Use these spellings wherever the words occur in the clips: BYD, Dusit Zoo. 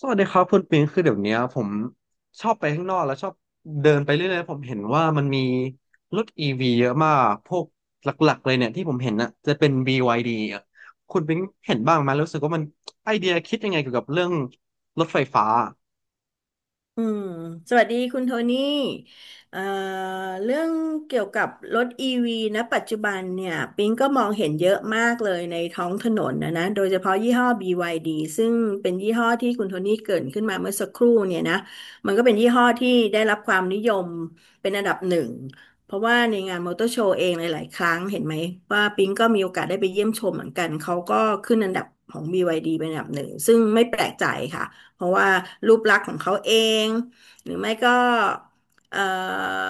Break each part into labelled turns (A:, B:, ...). A: สวัสดีครับคุณปิงคือเดี๋ยวเนี้ยผมชอบไปข้างนอกแล้วชอบเดินไปเรื่อยๆผมเห็นว่ามันมีรถอีวีเยอะมากพวกหลักๆเลยเนี่ยที่ผมเห็นน่ะจะเป็น BYD อะคุณปิงเห็นบ้างไหมรู้สึกว่ามันไอเดียคิดยังไงเกี่ยวกับเรื่องรถไฟฟ้า
B: อืมสวัสดีคุณโทนี่เอ่อเรื่องเกี่ยวกับรถอีวีนะปัจจุบันเนี่ยปิงก็มองเห็นเยอะมากเลยในท้องถนนนะโดยเฉพาะยี่ห้อ BYD ซึ่งเป็นยี่ห้อที่คุณโทนี่เกริ่นขึ้นมาเมื่อสักครู่เนี่ยนะ มันก็เป็นยี่ห้อที่ได้รับความนิยมเป็นอันดับหนึ่ง เพราะว่าในงานมอเตอร์โชว์เองหลายๆครั้งเห็นไหมว่าปิงก็มีโอกาสได้ไปเยี่ยมชมเหมือนกันเขาก็ขึ้นอันดับของบีวายดีเป็นอันดับหนึ่งซึ่งไม่แปลกใจค่ะ เพราะว่ารูปลักษณ์ของเขาเอง หรือไม่ก็เอ่อ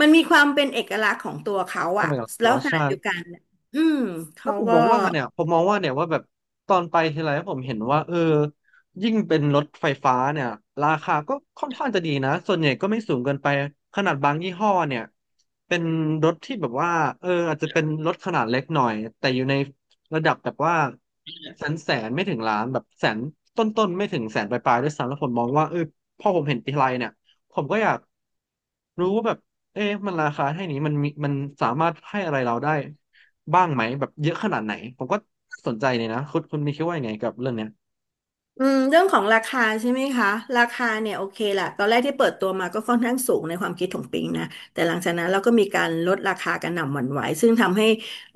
B: มันมีความเป็นเอกลักษณ์ของตัวเขา
A: เข้า
B: อะ
A: ไปกับ
B: แล้
A: ล้อ
B: วขณะ
A: ใช่
B: เดียวกันเนี่ยอืม
A: แล้ว
B: เขา
A: ผม
B: ก็
A: มองว่าเนี่ยผมมองว่าเนี่ยว่าแบบตอนไปทีไรผมเห็นว่ายิ่งเป็นรถไฟฟ้าเนี่ยราคาก็ค่อนข้างจะดีนะส่วนใหญ่ก็ไม่สูงเกินไปขนาดบางยี่ห้อเนี่ยเป็นรถที่แบบว่าอาจจะเป็นรถขนาดเล็กหน่อยแต่อยู่ในระดับแบบว่าแสนแสนไม่ถึงล้านแบบแสนต้นๆไม่ถึงแสนปลายๆด้วยซ้ำแล้วผมมองว่าพอผมเห็นทีไรเนี่ยผมก็อยากรู้ว่าแบบเอ๊ะมันราคาให้นี้มันมีมันสามารถให้อะไรเราได้ บ้างไหมแบบเยอะขนาดไหนผมก็สนใจเลยนะคุณมีคิดว่ายังไงกับเรื่องเนี้ย
B: อืมเรื่องของราคาใช่ไหมคะราคาเนี่ยโอเคแหละตอนแรกที่เปิดตัวมาก็ค่อนข้างสูงในความคิดของปิงนะแต่หลังจากนั้นเราก็มีการลดราคากันหน่ำหวั่นไหวซึ่งทำให้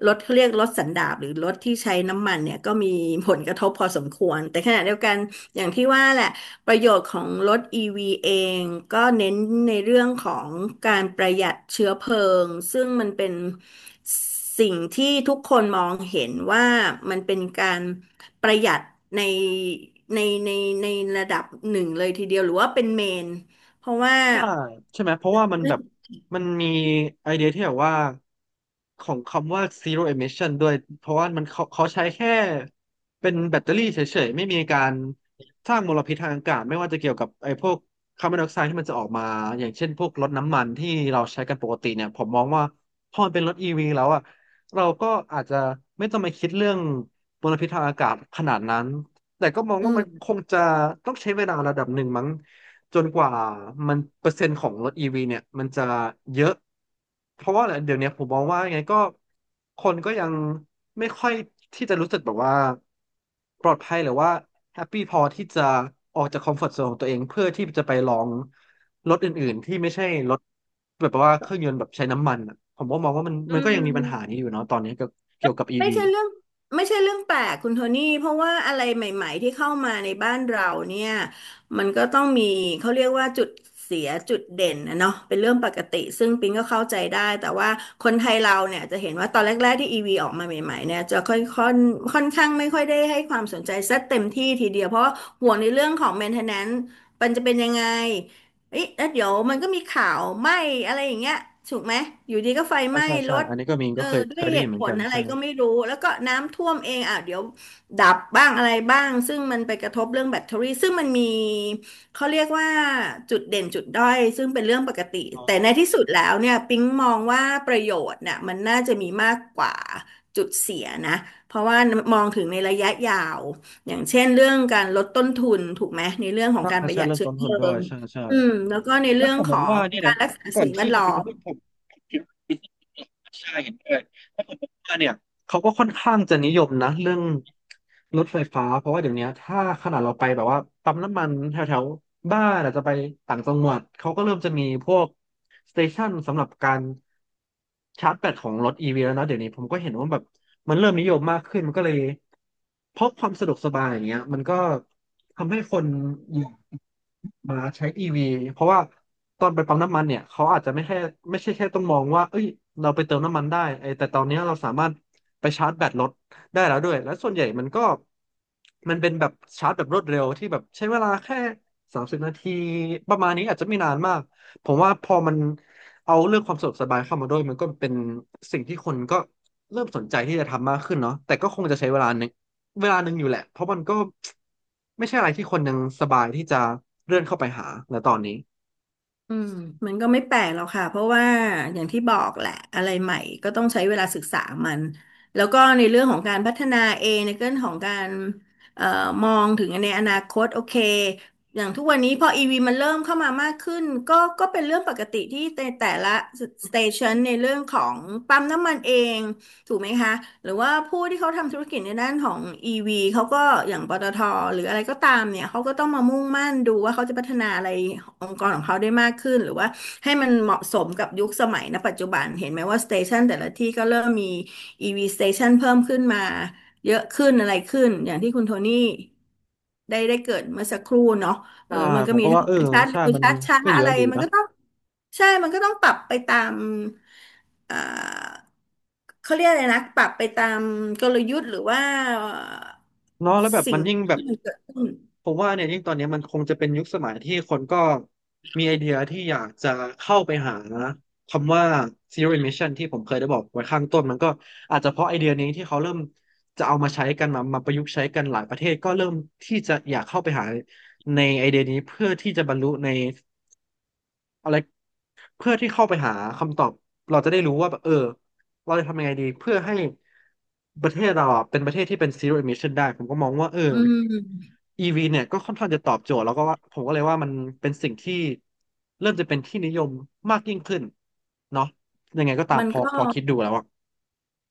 B: รถเขาเรียกรถสันดาปหรือรถที่ใช้น้ำมันเนี่ยก็มีผลกระทบพอสมควรแต่ขณะเดียวกันอย่างที่ว่าแหละประโยชน์ของรถ EV เองก็เน้นในเรื่องของการประหยัดเชื้อเพลิงซึ่งมันเป็นสิ่งที่ทุกคนมองเห็นว่ามันเป็นการ ประหยัดในในในในระดับหนึ่งเลยทีเดียวหรือว่าเป็นเมนเพราะว่า
A: ใช่ใช่ไหมเพราะว่ามันแบบมันมีไอเดียที่แบบว่าของคำว่า zero emission ด้วยเพราะว่ามันเขาใช้แค่เป็นแบตเตอรี่เฉยๆไม่มีการสร้างมลพิษทางอากาศไม่ว่าจะเกี่ยวกับไอพวกคาร์บอนไดออกไซด์ที่มันจะออกมาอย่างเช่นพวกรถน้ำมันที่เราใช้กันปกติเนี่ยผมมองว่าพอมันเป็นรถ EV แล้วอ่ะเราก็อาจจะไม่ต้องมาคิดเรื่องมลพิษทางอากาศขนาดนั้นแต่ก็มอง
B: อื
A: ว่ามันค
B: ม
A: งจะต้องใช้เวลาระดับหนึ่งมั้ง จนกว่ามันเปอร์เซ็นต์ของรถอีวีเนี่ยมันจะเยอะเพราะว่าอะไรเดี๋ยวเนี้ยผมมองว่ายังไงก็คนก็ยังไม่ค่อยที่จะรู้สึกแบบว่าปลอดภัยหรือว่าแฮปปี้พอที่จะออกจากคอมฟอร์ z โซนของตัวเองเพื่อที่จะไปลองรถอื่นๆที่ไม่ใช่รถแบบว่าเครื่องยนต์แบบใช้น้ำมันอะผมก็มองว่ามัน
B: อื
A: มันก็ยังมีปัญหา
B: ม
A: นี้อยู่เนาะตอนนี้เกี่ยวกับอี
B: ไม่
A: วี
B: ใช่เรื่องไม่ใช่เรื่องแปลกคุณโทนี่เพราะว่าอะไรใหม่ๆที่เข้ามาในบ้านเราเนี่ยมันก็ต้องมีเขาเรียกว่าจุดเสียจุดเด่นนะเนาะเป็นเรื่องปกติซึ่งปิงก็เข้าใจได้แต่ว่าคนไทยเราเนี่ยจะเห็นว่าตอนแรกๆที่ EV ออกมาใหม่ๆเนี่ยจะค่อนข้างไม่ค่อยได้ให้ความสนใจสักเต็มที่ทีเดียวเพราะว่าห่วงในเรื่องของ maintenance มันจะเป็นยังไงเอ๊ะแล้วเดี๋ยวมันก็มีข่าวไหม้อะไรอย่างเงี้ยถูกไหมอยู่ดีก็ไฟ
A: ใช่
B: ไหม้
A: ใช่
B: ร
A: ใช่
B: ถ
A: อันนี้ก็มี
B: เอ
A: ก็
B: อ
A: เคย
B: ด้
A: เค
B: วย
A: ยได้
B: เห
A: ยิน
B: ตุ
A: เห
B: ผ
A: มือน
B: ล
A: กัน
B: อะไร
A: ใช่
B: ก็ไม่รู้แล้วก็น้ำท่วมเองอ่ะเดี๋ยวดับบ้างอะไรบ้างซึ่งมันไปกระทบเรื่องแบตเตอรี่ซึ่งมันมีเขาเรียกว่าจุดเด่นจุดด้อยซึ่งเป็นเรื่องปกติ
A: อ๋อ
B: แต่ในที่สุดแล้วเนี่ยปิ๊งมองว่าประโยชน์เนี่ยมันน่าจะมีมากกว่าจุดเสียนะเพราะว่ามองถึงในระยะยาวอย่างเช่นเรื่องการลดต้นทุนถูกไหมในเรื่องของการ
A: ถ้า
B: ประ
A: ใช่
B: หยัด
A: เรื่อง
B: เชื้อ
A: ต้น
B: เพ
A: ทุน
B: ลิ
A: ด้วย
B: ง
A: ใช่ใช่
B: อืมแล้วก็ใน
A: แล้
B: เรื่
A: ว
B: อง
A: ผม
B: ข
A: ม
B: อ
A: องว่า
B: ง
A: เนี่ย
B: กา
A: นะ
B: รรักษา
A: ก่อน
B: สิ่งแว
A: ที่
B: ด
A: เขา
B: ล้อ
A: จะ
B: ม
A: พูดผมคิดว่าเป็นสิ่งที่ใช่เห็นด้วยแล้วผมว่าเนี่ยเขาก็ค่อนข้างจะนิยมนะเรื่องรถไฟฟ้าเพราะว่าเดี๋ยวนี้ถ้าขนาดเราไปแบบว่าปั๊มน้ำมันแถวแถวบ้านอาจจะไปต่างจังหวัดเขาก็เริ่มจะมีพวกสเตชันสำหรับการชาร์จแบตของรถอีวีแล้วนะเดี๋ยวนี้ผมก็เห็นว่าแบบมันเริ่มนิยมมากขึ้นมันก็เลยเพราะความสะดวกสบายอย่างเงี้ยมันก็ทำให้คน มาใช้ EV เพราะว่าตอนไปปั๊มน้ำมันเนี่ยเขาอาจจะไม่แค่ไม่ใช่แค่ต้องมองว่าเอ้ยเราไปเติมน้ำมันได้ไอ้แต่ตอนเนี้ยเราสามารถไปชาร์จแบตรถได้แล้วด้วยและส่วนใหญ่มันก็มันเป็นแบบชาร์จแบบรวดเร็วที่แบบใช้เวลาแค่30 นาทีประมาณนี้อาจจะไม่นานมากผมว่าพอมันเอาเรื่องความสะดวกสบายเข้ามาด้วยมันก็เป็นสิ่งที่คนก็เริ่มสนใจที่จะทำมากขึ้นเนาะแต่ก็คงจะใช้เวลา เวลาหนึ่งอยู่แหละ เพราะมันก็ไม่ใช่อะไรที่คนยังสบายที่จะเลื่อนเข้าไปหาในตอนนี้
B: อืมมันก็ไม่แปลกหรอกค่ะเพราะว่าอย่างที่บอกแหละอะไรใหม่ก็ต้องใช้เวลาศึกษามันแล้วก็ในเรื่องของการพัฒนาเองในเรื่องของการเอ่อมองถึงในอนาคตโอเคอย่างทุกวันนี้พออีวีมันเริ่มเข้ามามากขึ้นก็เป็นเรื่องปกติที่แต่ละสเตชันในเรื่องของปั๊มน้ำมันเอง ถูกไหมคะหรือว่าผู้ที่เขาทำธุรกิจในด้านของ EV เขาก็อย่างปตทหรืออะไรก็ตามเนี่ย เขาก็ต้องมามุ่งมั่นดูว่าเขาจะพัฒนาอะไรองค์กรของเขาได้มากขึ้น หรือว่าให้มันเหมาะสมกับยุคสมัยณปัจจุบันเห็นไหมว่าสเตชันแต่ละที่ก็เริ่มมี EV station เตชันเพิ่มขึ้นมาเยอะขึ้นอะไรขึ้น อย่างที่คุณโทนี่ ได้เกิดเมื่อสักครู่เนาะเอ
A: ใช่
B: อมัน
A: ผ
B: ก็
A: ม
B: มี
A: ก็
B: ท
A: ว่าเออ
B: ั้งชัด
A: ใช่
B: เร็ว
A: มัน
B: ชัดช้า
A: ก็เย
B: อะ
A: อะ
B: ไร
A: ดี
B: มัน
A: นะ
B: ก็ต้องใช่ มันก็ต้องปรับไปตาม เอ่อ เขาเรียกอะไรนะ ปรับไปตามกลยุทธ์หรือว่า
A: เนาะแล้วแบบ
B: สิ่
A: มั
B: ง
A: นยิ่ง
B: ที่
A: แบบ
B: มันเกิดขึ้น
A: ผมว่าเนี่ยยิ่งตอนเนี้ยมันคงจะเป็นยุคสมัยที่คนก็มีไอเดียที่อยากจะเข้าไปหานะคำว่า zero emission ที่ผมเคยได้บอกไว้ข้างต้นมันก็อาจจะเพราะไอเดียนี้ที่เขาเริ่มจะเอามาใช้กันมาประยุกต์ใช้กันหลายประเทศก็เริ่มที่จะอยากเข้าไปหาในไอเดียนี้เพื่อที่จะบรรลุในอะไร เพื่อที่เข้าไปหาคำตอบเราจะได้รู้ว่าแบบเราจะทำยังไงดีเพื่อให้ประเทศเราอะเป็นประเทศที่เป็น zero emission ได้ผมก็มองว่าเอ
B: อืม
A: อ EV เนี่ยก็ค่อนข้างจะตอบโจทย์แล้วก็ว่าผมก็เลยว่ามันเป็นสิ่งที่เริ่มจะเป็นที่นิยมมากยิ่งขึ้นเนาะยังไงก็ตาม
B: มัน
A: พอ
B: ก็
A: พอคิดดูแล้วอ่ะ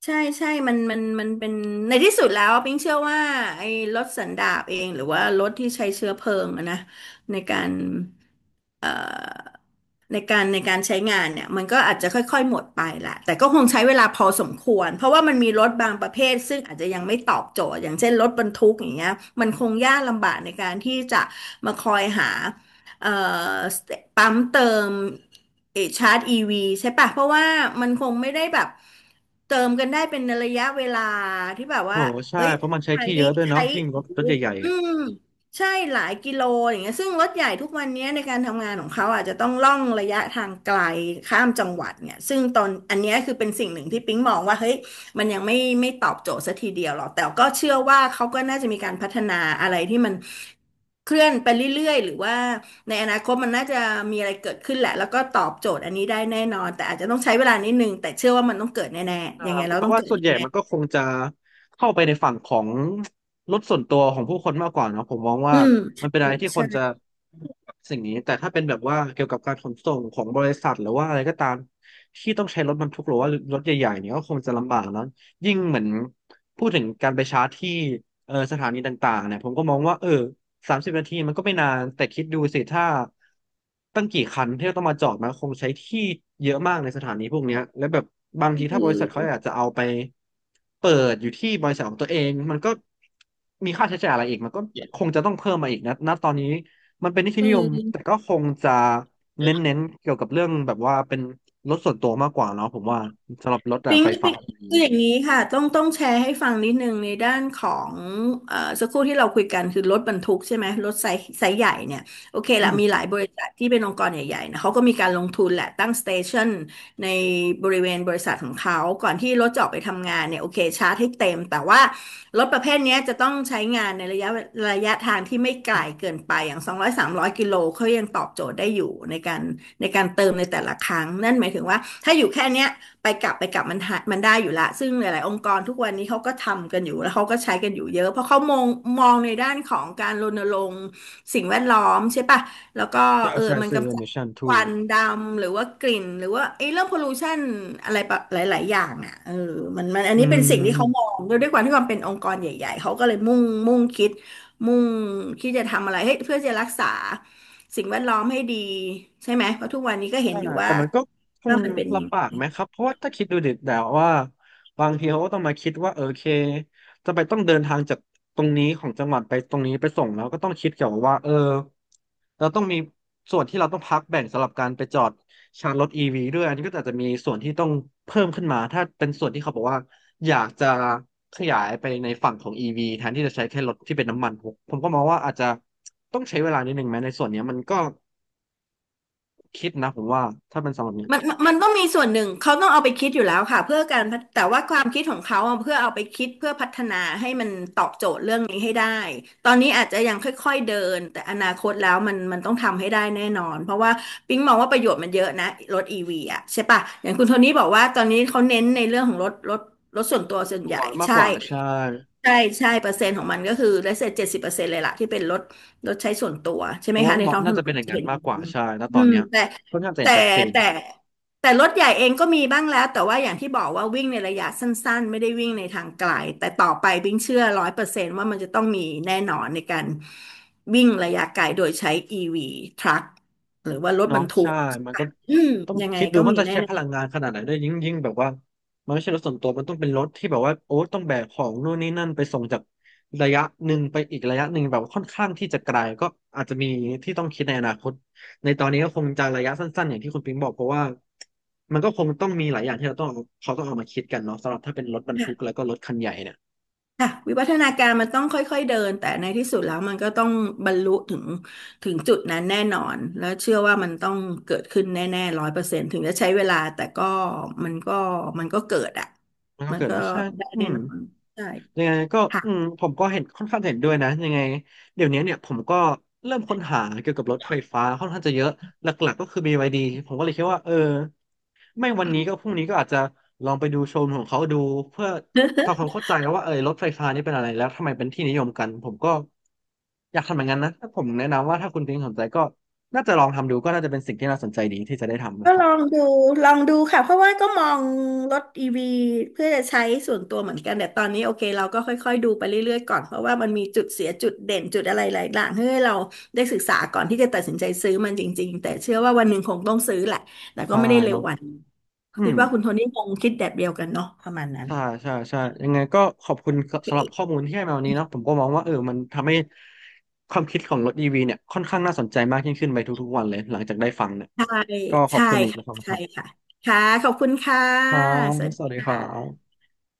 B: ใช่ มันเป็นในที่สุดแล้วปิ๊งเชื่อว่าไอ้รถสันดาปเองหรือว่ารถที่ใช้เชื้อเพลิงอะนะในการเอ่อในการใช้งานเนี่ยมันก็อาจจะค่อยๆหมดไปแหละแต่ก็คงใช้เวลาพอสมควรเพราะว่ามันมีรถบางประเภทซึ่งอาจจะยังไม่ตอบโจทย์อย่างเช่นรถบรรทุกอย่างเงี้ยมันคงยากลำบากในการที่จะมาคอยหา เอ่อปั๊มเติมเออชาร์จอีวีใช่ปะเพราะว่ามันคงไม่ได้แบบเติมกันได้เป็นระยะเวลาที่แบบ
A: โอ้
B: ว่า
A: โหใช่
B: เอ้ย
A: เพราะมันใช้
B: ทาง
A: ที่เย
B: นี้
A: อะด้วย
B: ใช้
A: เนาะยิ่งรถใหญ่
B: อืม
A: ๆ
B: ใช่หลายกิโลอย่างเงี้ยซึ่งรถใหญ่ทุกวันเนี้ยในการทำงานของเขาอาจจะต้องล่องระยะทางไกลข้ามจังหวัดเนี่ยซึ่งตอนอันเนี้ยคือเป็นสิ่งหนึ่งที่ปิ๊งมองว่าเฮ้ย มันยังไม่ตอบโจทย์สักทีเดียวหรอกแต่ก็เชื่อว่าเขาก็น่าจะมีการพัฒนาอะไรที่มันเคลื่อนไปเรื่อยๆหรือว่าในอนาคตมันน่าจะมีอะไรเกิดขึ้นแหละแล้วก็ตอบโจทย์อันนี้ได้แน่นอนแต่อาจจะต้องใช้เวลานิดนึงแต่เชื่อว่ามันต้องเกิดแน่ๆยังไง
A: ค
B: เรา
A: เพ
B: ต้อ
A: ราะ
B: ง
A: ว่า
B: เกิด
A: ส่วนใหญ่
B: แน่
A: มันก็คงจะเข้าไปในฝั่งของรถส่วนตัวของผู้คนมากกว่าเนอะผมมอง
B: ๆอื
A: ว่า
B: ม
A: มันเป็นอะ
B: ใช่
A: ไรที่ค
B: ใช่
A: นจะสิ่งนี้แต่ถ้าเป็นแบบว่าเกี่ยวกับการขนส่งของบริษัทหรือว่าอะไรก็ตามที่ต้องใช้รถบรรทุกหรือว่ารถใหญ่ๆเนี่ยก็คงจะลำบากแลยิ่งเหมือนพูดถึงการไปชาร์จที่สถานีต่างๆเนี่ยผมก็มองว่า30 นาทีมันก็ไม่นานแต่คิดดูสิถ้าตั้งกี่คันที่เราต้องมาจอดมันคงใช้ที่เยอะมากในสถานีพวกเนี้ยแล้วแบบบางทีถ้า
B: คื
A: บ
B: อ
A: ริษัทเขาอยากจะเอาไปเปิดอยู่ที่บริษัทของตัวเองมันก็มีค่าใช้จ่ายอะไรอีกมันก็
B: Yeah.
A: คงจะต้องเพิ่มมาอีกนะณตอนนี้มันเป็นที่
B: คื
A: นิยมแต่
B: อ
A: ก็คงจะเน้นๆเกี่ยวกับเรื่องแบบว่าเป็นรถส่วนตัวมากกว่าเนาะผมว่าสำหรับรถแบบ
B: ปิ๊ง
A: ไฟฟ้า
B: ปิ๊ง
A: อย่างนี้
B: คือ
A: เนี่ย
B: อย่างนี้ค่ะต้องแชร์ให้ฟังนิดนึงในด้านของสักครู่ที่เราคุยกันคือรถบรรทุกใช่ไหมรถไซส์ใหญ่เนี่ยโอเค
A: อื
B: ละ
A: ม
B: มีหลายบริษัทที่เป็นองค์กรใหญ่ๆนะเขาก็มีการลงทุนแหละตั้งสเตชันในบริเวณบริษัทของเขาก่อนที่รถจะออกไปทำงานเนี่ยโอเคชาร์จให้เต็มแต่ว่ารถประเภทเนี้ยจะต้องใช้งานในระยะทางที่ไม่ไกลเกินไปอย่าง200 300กิโลเขายังตอบโจทย์ได้อยู่ในการเติมในแต่ละครั้งนั่นหมายถึงว่าถ้าอยู่แค่เนี้ย ไปกลับไปกลับมันหามันได้อยู่ละซึ่งหลายๆองค์กรทุกวันนี้เขาก็ทำกันอยู่แล้วเขาก็ใช้กันอยู่เยอะเพราะเขามองในด้านของการรณรงค์สิ่งแวดล้อมใช่ปะแล้วก็
A: ใช่
B: เออ
A: ใช่
B: มัน
A: ซื้อ
B: กำจัด
A: emission t
B: ค
A: o
B: วันดำหรือว่ากลิ่นหรือว่าไอ้เรื่องพอลูชันอะไรแบบหลาย ๆ อย่างอ่ะเออมันอัน
A: อื
B: นี้เป็นสิ่งที่เขามอ
A: ม
B: งด้วยความที่ความเป็นองค์กรใหญ่ๆเขาก็เลยมุ่งมุ่งคิดมุ่งคิดจะทำอะไรให้เพื่อจะรักษาสิ่งแวดล้อมให้ดีใช่ไหมเพราะทุกวันนี้ก็เห็น
A: อ่า
B: อยู่ว่า
A: แต่มันก็คง
B: มันเป็น
A: ลำบากไหมครับเพราะว่าถ้าคิดดูดิแต่วว่าบางทีเขาก็ต้องมาคิดว่าโอเคจะไปต้องเดินทางจากตรงนี้ของจังหวัดไปตรงนี้ไปส่งแล้วก็ต้องคิดเกี่ยวกับว่าเราต้องมีส่วนที่เราต้องพักแบ่งสำหรับการไปจอดชาร์จรถอีวีด้วยอันนี้ก็อาจจะมีส่วนที่ต้องเพิ่มขึ้นมาถ้าเป็นส่วนที่เขาบอกว่าอยากจะขยายไปในฝั่งของอีวีแทนที่จะใช้แค่รถที่เป็นน้ำมันผมก็มองว่าอาจจะต้องใช้เวลานิดนึงไหมในส่วนเนี้ยมันก็คิดนะผมว่าถ้าเป็นสำหรับเนี้ย
B: มันต้องมีส่วนหนึ่งเขาต้องเอาไปคิดอยู่แล้วค่ะเพื่อการพัฒแต่ว่าความคิดของเขาอะเพื่อเอาไปคิดเพื่อพัฒนาให้มันตอบโจทย์เรื่องนี้ให้ได้ตอนนี้อาจจะยังค่อยๆเดินแต่อนาคตแล้วมันต้องทำให้ได้แน่นอนเพราะว่าปิ๊งมองว่าประโยชน์มันเยอะนะรถอีวีอะใช่ปะอย่างคุณโทนี่บอกว่าตอนนี้เขาเน้นในเรื่องของรถส่วนตัวส่วน
A: ตั
B: ให
A: ว
B: ญ่
A: มากก
B: ใช่
A: ว่าใช่
B: ใช่ใช่เปอร์เซ็นต์ของมันก็คือได้เสร็จ70%เลยล่ะที่เป็นรถใช้ส่วนตัวใช่
A: เพ
B: ไหม
A: ราะว่า
B: คะ
A: ก็
B: ใน
A: เหมาะ
B: ท้องถ
A: น่า
B: น
A: จะ
B: น
A: เป็นอย่าง
B: จะ
A: นั้
B: เป็
A: น
B: นอย่าง
A: มาก
B: นั้
A: กว่า
B: น
A: ใช่ณต
B: อื
A: อน
B: ม
A: เนี้ยค่อนข้างจะเห็
B: แต่
A: นชัดเจน
B: แต่แต่รถใหญ่เองก็มีบ้างแล้วแต่ว่าอย่างที่บอกว่าวิ่งในระยะสั้นๆไม่ได้วิ่งในทางไกลแต่ต่อไปวิ่งเชื่อร้อยเปอร์เซ็นต์ว่ามันจะต้องมีแน่นอนในการวิ่งระยะไกลโดยใช้ EV ทรัคหรือว่ารถบ
A: เนาะ
B: รรทุ
A: ใช่
B: ก
A: มันก็
B: อืม
A: ต้อง
B: ยังไง
A: คิดดู
B: ก็
A: มัน
B: มี
A: จะใช้
B: แน่
A: พลังงาน
B: ๆ
A: ขนาดไหนด้วยยิ่งแบบว่ามันไม่ใช่รถส่วนตัวมันต้องเป็นรถที่แบบว่าโอ้ต้องแบกของนู่นนี่นั่นไปส่งจากระยะหนึ่งไปอีกระยะหนึ่งแบบค่อนข้างที่จะไกลก็อาจจะมีที่ต้องคิดในอนาคตในตอนนี้ก็คงจะระยะสั้นๆอย่างที่คุณปิงบอกเพราะว่ามันก็คงต้องมีหลายอย่างที่เราต้องเอาเขาต้องเอามาคิดกันเนาะสำหรับถ้าเป็นรถบรรทุกแล้
B: ค่ะ
A: วก็รถคันใหญ่เนี่ย
B: ค่ะวิวัฒนาการมันต้องค่อยๆเดินแต่ในที่สุดแล้วมันก็ต้องบรรลุถึงจุดนั้นแน่นอนแล้วเชื่อว่ามันต้องเกิดขึ้นแน่ๆร้อยเปอร์เซ็นต์ถึงจะใช้เวลาแต่ก็มันก็มันก็เกิดอ่ะ
A: มันก็
B: มัน
A: เกิด
B: ก็
A: มาใช่
B: ได้
A: อื
B: แน่
A: ม
B: นอนใช่
A: ยังไงก็
B: ค่ะ
A: อืมผมก็เห็นค่อนข้างเห็นด้วยนะยังไงเดี๋ยวนี้เนี่ยผมก็เริ่มค้นหาเกี่ยวกับรถไฟฟ้าค่อนข้างจะเยอะหลักๆก็คือ b ดีผมก็เลยคิดว่าไม่วันนี้ก็พรุ่งนี้ก็อาจจะลองไปดูโชว์รูมของเขาดูเพื่อทำความเข้าใจว่ารถไฟฟ้านี่เป็นอะไรแล้วทำไมเป็นที่นิยมกันผมก็อยากทำอย่างนั้นนะถ้าผมแนะนำว่าถ้าคุณพิงค์สนใจก็น่าจะลองทำดูก็น่าจะเป็นสิ่งที่น่าสนใจดีที่จะได้ทำ
B: ก็
A: นะครั
B: ลอ
A: บ
B: งดูค่ะเพราะว่าก็มองรถอีวีเพื่อจะใช้ส่วนตัวเหมือนกันแต่ตอนนี้โอเคเราก็ค่อยๆดูไปเรื่อยๆก่อนเพราะว่ามันมีจุดเสียจุดเด่นจุดอะไรหลายอย่างให้เราได้ศึกษาก่อนที่จะตัดสินใจซื้อมันจริงๆแต่เชื่อว่าวันหนึ่งคงต้องซื้อแหละแต่ก็
A: ใช่
B: ไม่ได้เร็ว
A: เนาะ
B: วันนี้
A: อื
B: คิด
A: ม
B: ว่าคุณโทนี่คงคิดแบบเดียวกันเนาะประมาณนั้น
A: ใช่ใช่ยังไงก็ขอบคุณ
B: โอ
A: สำหรับข้
B: เค
A: อมูลที่ให้มาวันนี้เนาะผมก็มองว่ามันทำให้ความคิดของรถอีวีเนี่ยค่อนข้างน่าสนใจมากยิ่งขึ้นไปทุกๆวันเลยหลังจากได้ฟังเนี่ย
B: ใช่
A: ก็ขอบ
B: ใช่
A: คุณอีก
B: ค่ะ
A: นะครับค
B: ใช่
A: รับ
B: ค่ะค่ะขอบคุณค่ะ
A: ส
B: สวัสดี
A: วัสดี
B: ค
A: ครับ
B: ่ะ